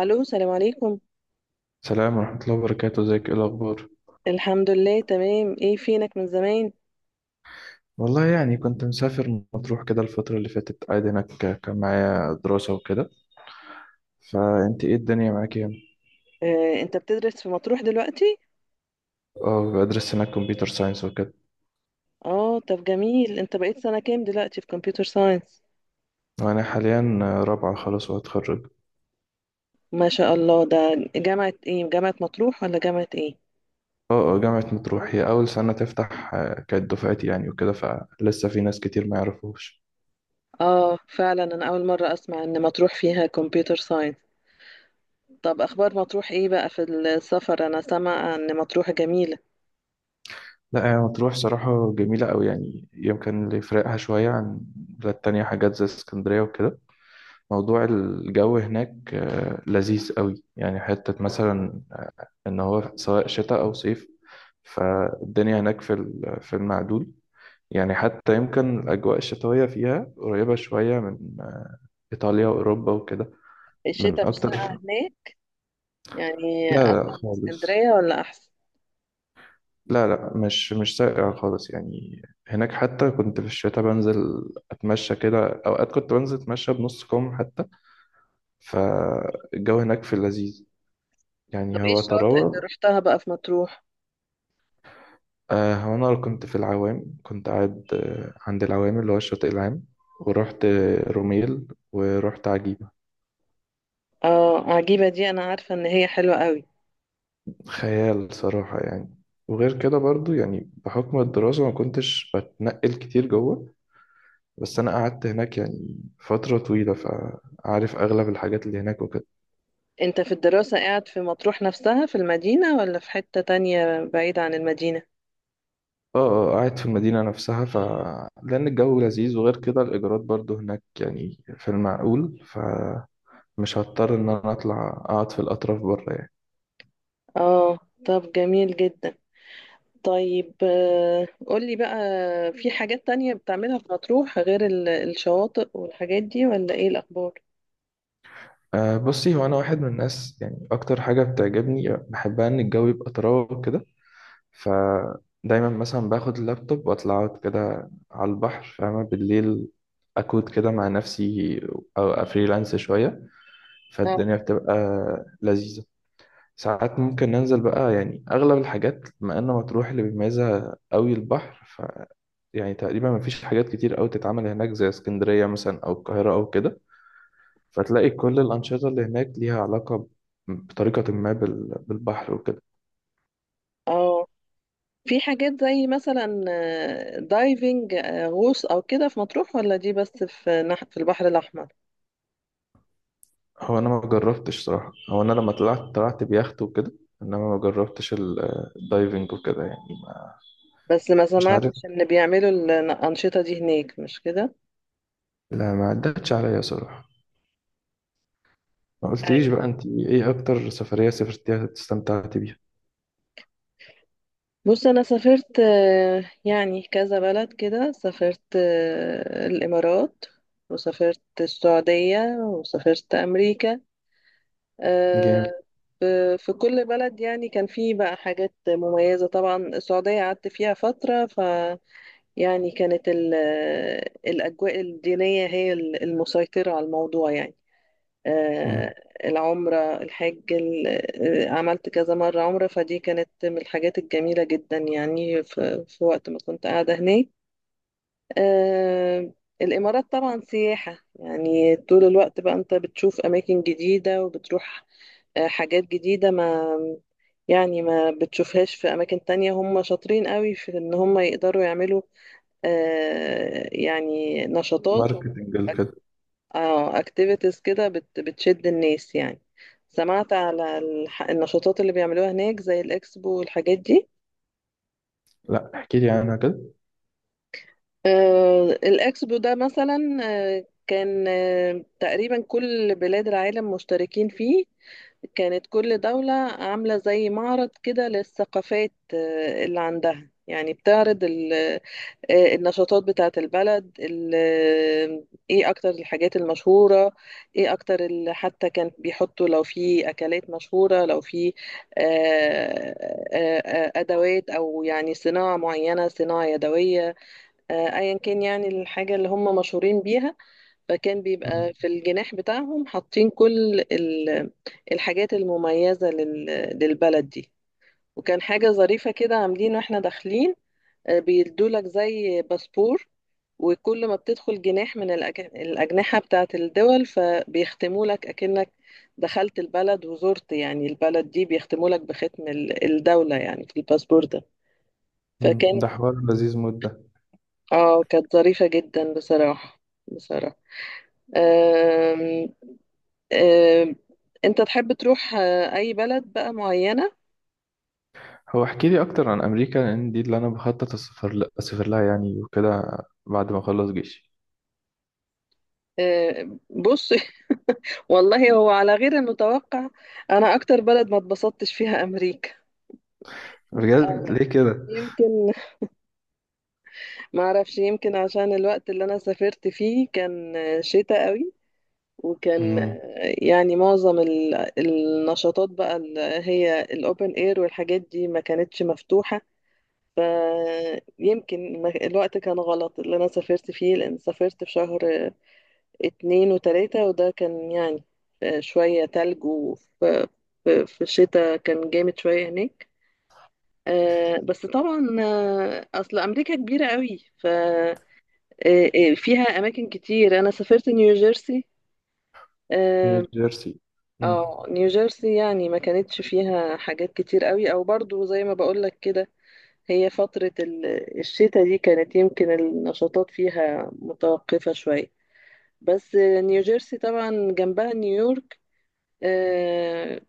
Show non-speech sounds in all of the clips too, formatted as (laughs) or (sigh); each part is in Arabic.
الو، سلام عليكم. سلام ورحمة الله وبركاته، ازيك؟ ايه الأخبار؟ الحمد لله، تمام. ايه فينك من زمان؟ والله يعني كنت مسافر مطروح كده الفترة اللي فاتت، قاعد هناك. كان معايا دراسة وكده. فأنت ايه الدنيا معاك يعني؟ انت بتدرس في مطروح دلوقتي؟ اه، بدرس هناك كمبيوتر ساينس وكده. اه طب جميل، انت بقيت سنة كام دلوقتي في كمبيوتر ساينس؟ وأنا حاليا رابعة خلاص وهتخرج. ما شاء الله. ده جامعة ايه، جامعة مطروح ولا جامعة ايه؟ اه اه، جامعة مطروح هي أول سنة تفتح. كانت دفعتي يعني وكده، فلسه في ناس كتير ما يعرفوش. اه فعلا، انا اول مرة اسمع ان مطروح فيها كمبيوتر ساينس. طب اخبار مطروح ايه بقى في السفر؟ انا سامعة ان مطروح جميلة. لا، هي مطروح صراحة جميلة أوي يعني. يمكن اللي يفرقها شوية عن البلاد التانية حاجات زي اسكندرية وكده، موضوع الجو هناك. لذيذ قوي يعني. حتة مثلا إن هو سواء شتاء أو صيف، فالدنيا هناك في في المعدول. يعني حتى يمكن الأجواء الشتوية فيها قريبة شوية من إيطاليا وأوروبا وكده. من الشتاء مش ساقعة أكتر. هناك؟ يعني لا لا اتقل من خالص. اسكندرية ولا احسن؟ لا لا، مش ساقع خالص يعني. هناك حتى كنت في الشتاء بنزل أتمشى كده، أوقات كنت بنزل أتمشى بنص كم حتى. فالجو هناك في اللذيذ، طب يعني ايه هو الشواطئ اللي طراوة. رحتها بقى في مطروح؟ هو أنا كنت في العوام، كنت قاعد عند العوام اللي هو الشاطئ العام. ورحت روميل، ورحت عجيبة. اه، عجيبة دي انا عارفة ان هي حلوة قوي. خيال صراحة يعني. وغير كده برضو يعني بحكم الدراسة ما كنتش بتنقل كتير جوه. بس أنا قعدت هناك يعني فترة طويلة، فعارف أغلب الحاجات اللي هناك وكده. انت في الدراسة قاعد في مطروح نفسها في المدينة ولا في حتة تانية بعيدة عن المدينة؟ اه، قاعد في المدينة نفسها. ف لأن الجو لذيذ، وغير كده الإيجارات برضو هناك يعني في المعقول، فمش هضطر إن أنا أطلع أقعد في الأطراف بره يعني. اه. طب جميل جدا. طيب قولي بقى، في حاجات تانية بتعملها في مطروح غير الشواطئ والحاجات دي؟ ولا ايه الاخبار؟ أه، بصي، هو أنا واحد من الناس يعني أكتر حاجة بتعجبني بحبها إن الجو يبقى طراوة كده. فدايما مثلا باخد اللابتوب وأطلع أقعد كده على البحر، فاهمة، بالليل أكود كده مع نفسي أو أفريلانس شوية، آه. فالدنيا بتبقى لذيذة. ساعات ممكن ننزل بقى. يعني أغلب الحاجات بما إن مطروح اللي بيميزها أوي البحر، ف يعني تقريبا مفيش حاجات كتير أوي تتعمل هناك زي اسكندرية مثلا أو القاهرة أو كده. فتلاقي كل الأنشطة اللي هناك ليها علاقة بطريقة ما بالبحر وكده. اه، في حاجات زي مثلا دايفنج غوص او كده في مطروح؟ ولا دي بس في في البحر الاحمر؟ هو أنا ما جربتش صراحة. هو أنا لما طلعت، طلعت بيخت وكده. إنما ما جربتش الدايفنج وكده يعني ما. بس ما مش عارف. سمعتش ان بيعملوا الانشطة دي هناك، مش كده؟ لا، ما عدتش عليا صراحة. ما قلتليش بقى أنت إيه أكتر سفرية سافرتيها استمتعتي بيها؟ بص، انا سافرت يعني كذا بلد كده. سافرت الامارات، وسافرت السعودية، وسافرت امريكا. آه، جامد. ف- في كل بلد يعني كان فيه بقى حاجات مميزة. طبعا السعودية قعدت فيها فترة ف، يعني كانت الاجواء الدينية هي المسيطرة على الموضوع يعني. مم. آه، العمرة، الحج، عملت كذا مرة عمرة، فدي كانت من الحاجات الجميلة جدا يعني في وقت ما كنت قاعدة هناك. آه، الإمارات طبعا سياحة، يعني طول الوقت بقى أنت بتشوف أماكن جديدة وبتروح حاجات جديدة. ما يعني ما بتشوفهاش في أماكن تانية. هم شاطرين قوي في إن هم يقدروا يعملوا يعني نشاطات. ماركتنج كده. اه، اكتيفيتيز كده، بتشد الناس يعني. سمعت على النشاطات اللي بيعملوها هناك زي الاكسبو والحاجات دي. لا، احكي لي عنها كده. آه، الاكسبو ده مثلا، آه كان آه تقريبا كل بلاد العالم مشتركين فيه. كانت كل دولة عاملة زي معرض كده للثقافات اللي عندها، يعني بتعرض النشاطات بتاعة البلد ايه اكتر الحاجات المشهورة، ايه اكتر حتى كان بيحطوا لو في اكلات مشهورة، لو في ادوات، او يعني صناعة معينة، صناعة يدوية، ايا كان، يعني الحاجة اللي هم مشهورين بيها. فكان مم. بيبقى في الجناح بتاعهم حاطين كل الحاجات المميزة للبلد دي. وكان حاجة ظريفة كده عاملين، واحنا داخلين بيدولك زي باسبور، وكل ما بتدخل جناح من الأجنحة بتاعت الدول فبيختموا لك أكنك دخلت البلد وزرت يعني البلد دي. بيختموا لك بختم الدولة يعني في الباسبور ده. مم. فكانت، ده حوار لذيذ مدة. اه كانت ظريفة جدا بصراحة، بصراحة. آه، انت تحب تروح اي بلد بقى معينة؟ هو احكي لي اكتر عن امريكا، لان دي اللي انا بخطط اسافر لها يعني وكده، بعد ما اخلص جيشي. بص. (laughs) والله هو على غير المتوقع، انا اكتر بلد ما اتبسطتش فيها امريكا. بجد؟ آه، ليه كده؟ يمكن ما اعرفش، يمكن عشان الوقت اللي انا سافرت فيه كان شتاء قوي، وكان امم يعني معظم النشاطات بقى اللي هي الاوبن اير والحاجات دي ما كانتش مفتوحة. فيمكن الوقت كان غلط اللي انا سافرت فيه، لان سافرت في شهر 2 و3. وده كان يعني شوية تلج. وفي في الشتاء كان جامد شوية هناك. بس طبعا أصل أمريكا كبيرة قوي، ففيها أماكن كتير. أنا سافرت نيوجيرسي. نيو اه، جيرسي. مم. نيوجيرسي يعني ما كانتش فيها حاجات كتير قوي، أو برضو زي ما بقولك كده، هي فترة الشتاء دي كانت يمكن النشاطات فيها متوقفة شوية. بس نيوجيرسي طبعا جنبها نيويورك. آه،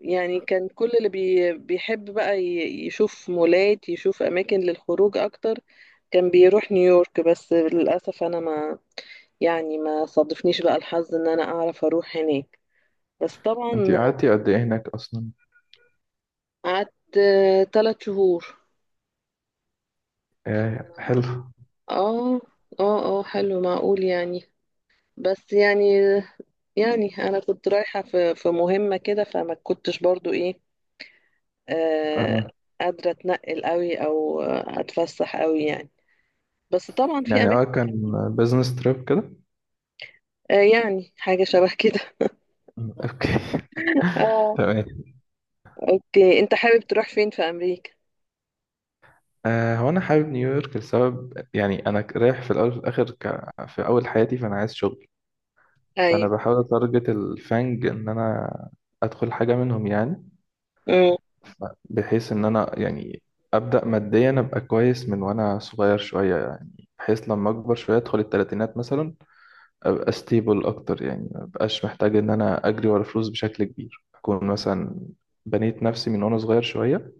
يعني كان كل اللي بيحب بقى يشوف مولات، يشوف أماكن للخروج أكتر، كان بيروح نيويورك. بس للأسف أنا ما، يعني ما صادفنيش بقى الحظ إن أنا أعرف أروح هناك. بس انت طبعا. قعدتي قد ايه هناك اصلا؟ قعدت 3 شهور. آه حلو. اه. اه، اه، حلو معقول يعني. بس يعني، يعني انا كنت رايحه في مهمه كده، فما كنتش برضو ايه، آه آه، قادره اتنقل قوي او اتفسح قوي يعني. بس طبعا في يعني. اه اماكن كمان. كان بزنس تريب كده. آه، يعني حاجه شبه كده. مم. اوكي. (laughs) اه. تمام. (laughs) اوكي، انت حابب تروح فين في امريكا؟ هو انا حابب نيويورك لسبب. يعني انا رايح في الاول وفي الاخر في اول حياتي، فانا عايز شغل. فانا ايوه. بحاول اتارجت الفانج ان انا ادخل حاجه منهم يعني. امم بحيث ان انا يعني ابدا ماديا ابقى كويس من وانا صغير شويه، يعني بحيث لما اكبر شويه ادخل الثلاثينات مثلا ابقى ستيبل اكتر، يعني ما ابقاش محتاج ان انا اجري ورا فلوس بشكل كبير. اكون مثلا بنيت نفسي من وانا صغير شويه،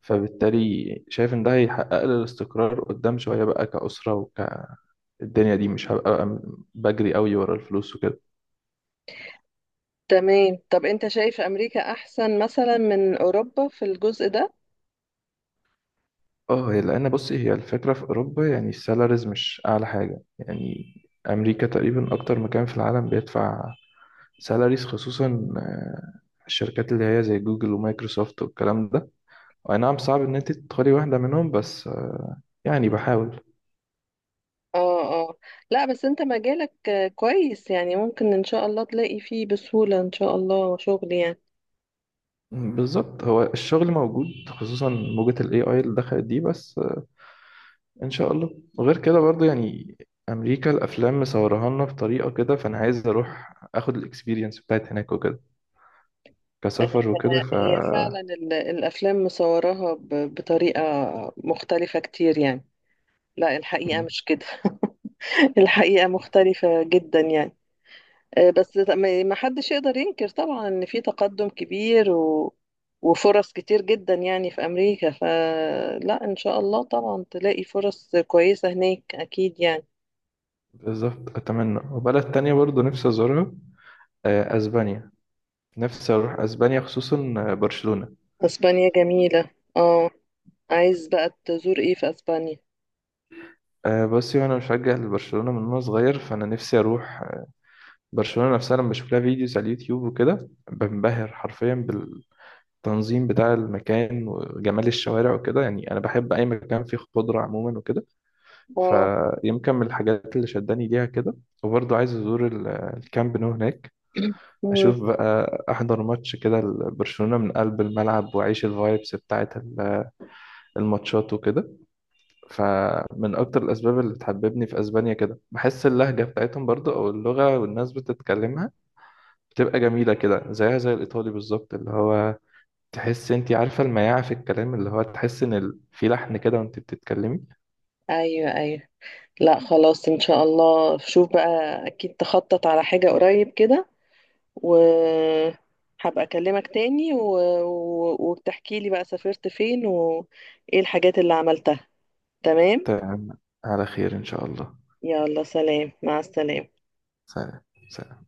فبالتالي شايف ان ده هيحقق لي الاستقرار قدام شويه بقى كأسره الدنيا دي مش هبقى بجري قوي ورا الفلوس وكده. تمام. طب انت شايف امريكا احسن مثلا من اوروبا في الجزء ده؟ اه، هي لان بصي هي الفكره في اوروبا يعني السالاريز مش اعلى حاجه يعني. امريكا تقريبا اكتر مكان في العالم بيدفع سالاريز، خصوصا الشركات اللي هي زي جوجل ومايكروسوفت والكلام ده. اي نعم صعب ان انت تدخلي واحده منهم، بس يعني بحاول. اه. اه. لا، بس انت مجالك كويس، يعني ممكن ان شاء الله تلاقي فيه بسهوله ان شاء الله شغل يعني. بالظبط. هو الشغل موجود خصوصا موجة الـAI اللي دخلت دي، بس ان شاء الله. وغير كده برضو يعني امريكا الافلام مصورها لنا بطريقه كده، فانا عايز اروح اخد الاكسبيرينس بتاعت هناك وكده كسفر وكده هي فعلا الافلام مصوراها بطريقه مختلفه كتير يعني. لا، الحقيقه مم. مش كده. (laughs) الحقيقه مختلفه جدا يعني. بس ما حدش يقدر ينكر طبعا ان في تقدم كبير و... وفرص كتير جدا يعني في امريكا. فلا ان شاء الله طبعا تلاقي فرص كويسة هناك اكيد يعني. بالظبط، أتمنى. وبلد تانية برضو نفسي أزورها، أسبانيا. نفسي أروح أسبانيا، خصوصا برشلونة. اسبانيا جميلة. اه. عايز بقى تزور ايه في اسبانيا؟ بصي، وأنا مشجع لبرشلونة من وأنا صغير، فأنا نفسي أروح برشلونة نفسها. لما بشوف لها فيديوز على اليوتيوب وكده بنبهر حرفيا بالتنظيم بتاع المكان وجمال الشوارع وكده. يعني أنا بحب أي مكان فيه خضرة عموما وكده، اه. فيمكن من الحاجات اللي شداني ليها كده. وبرضو عايز أزور الكامب نو هناك، (coughs) مم. اشوف بقى، احضر ماتش كده لبرشلونة من قلب الملعب، واعيش الفايبس بتاعت الماتشات وكده. فمن اكتر الاسباب اللي بتحببني في اسبانيا كده بحس اللهجة بتاعتهم برضو، او اللغة والناس بتتكلمها بتبقى جميلة كده زيها زي الايطالي بالظبط اللي هو تحس انت عارفة المياعة في الكلام اللي هو تحس ان في لحن كده وانت بتتكلمي. ايوه، ايوه. لا خلاص، ان شاء الله شوف بقى. اكيد تخطط على حاجة قريب كده، وهبقى أكلمك تاني و... و... وبتحكي لي بقى سافرت فين وإيه الحاجات اللي عملتها. تمام. تمام. على خير ان شاء الله. يلا سلام، مع السلامة. سلام. سلام.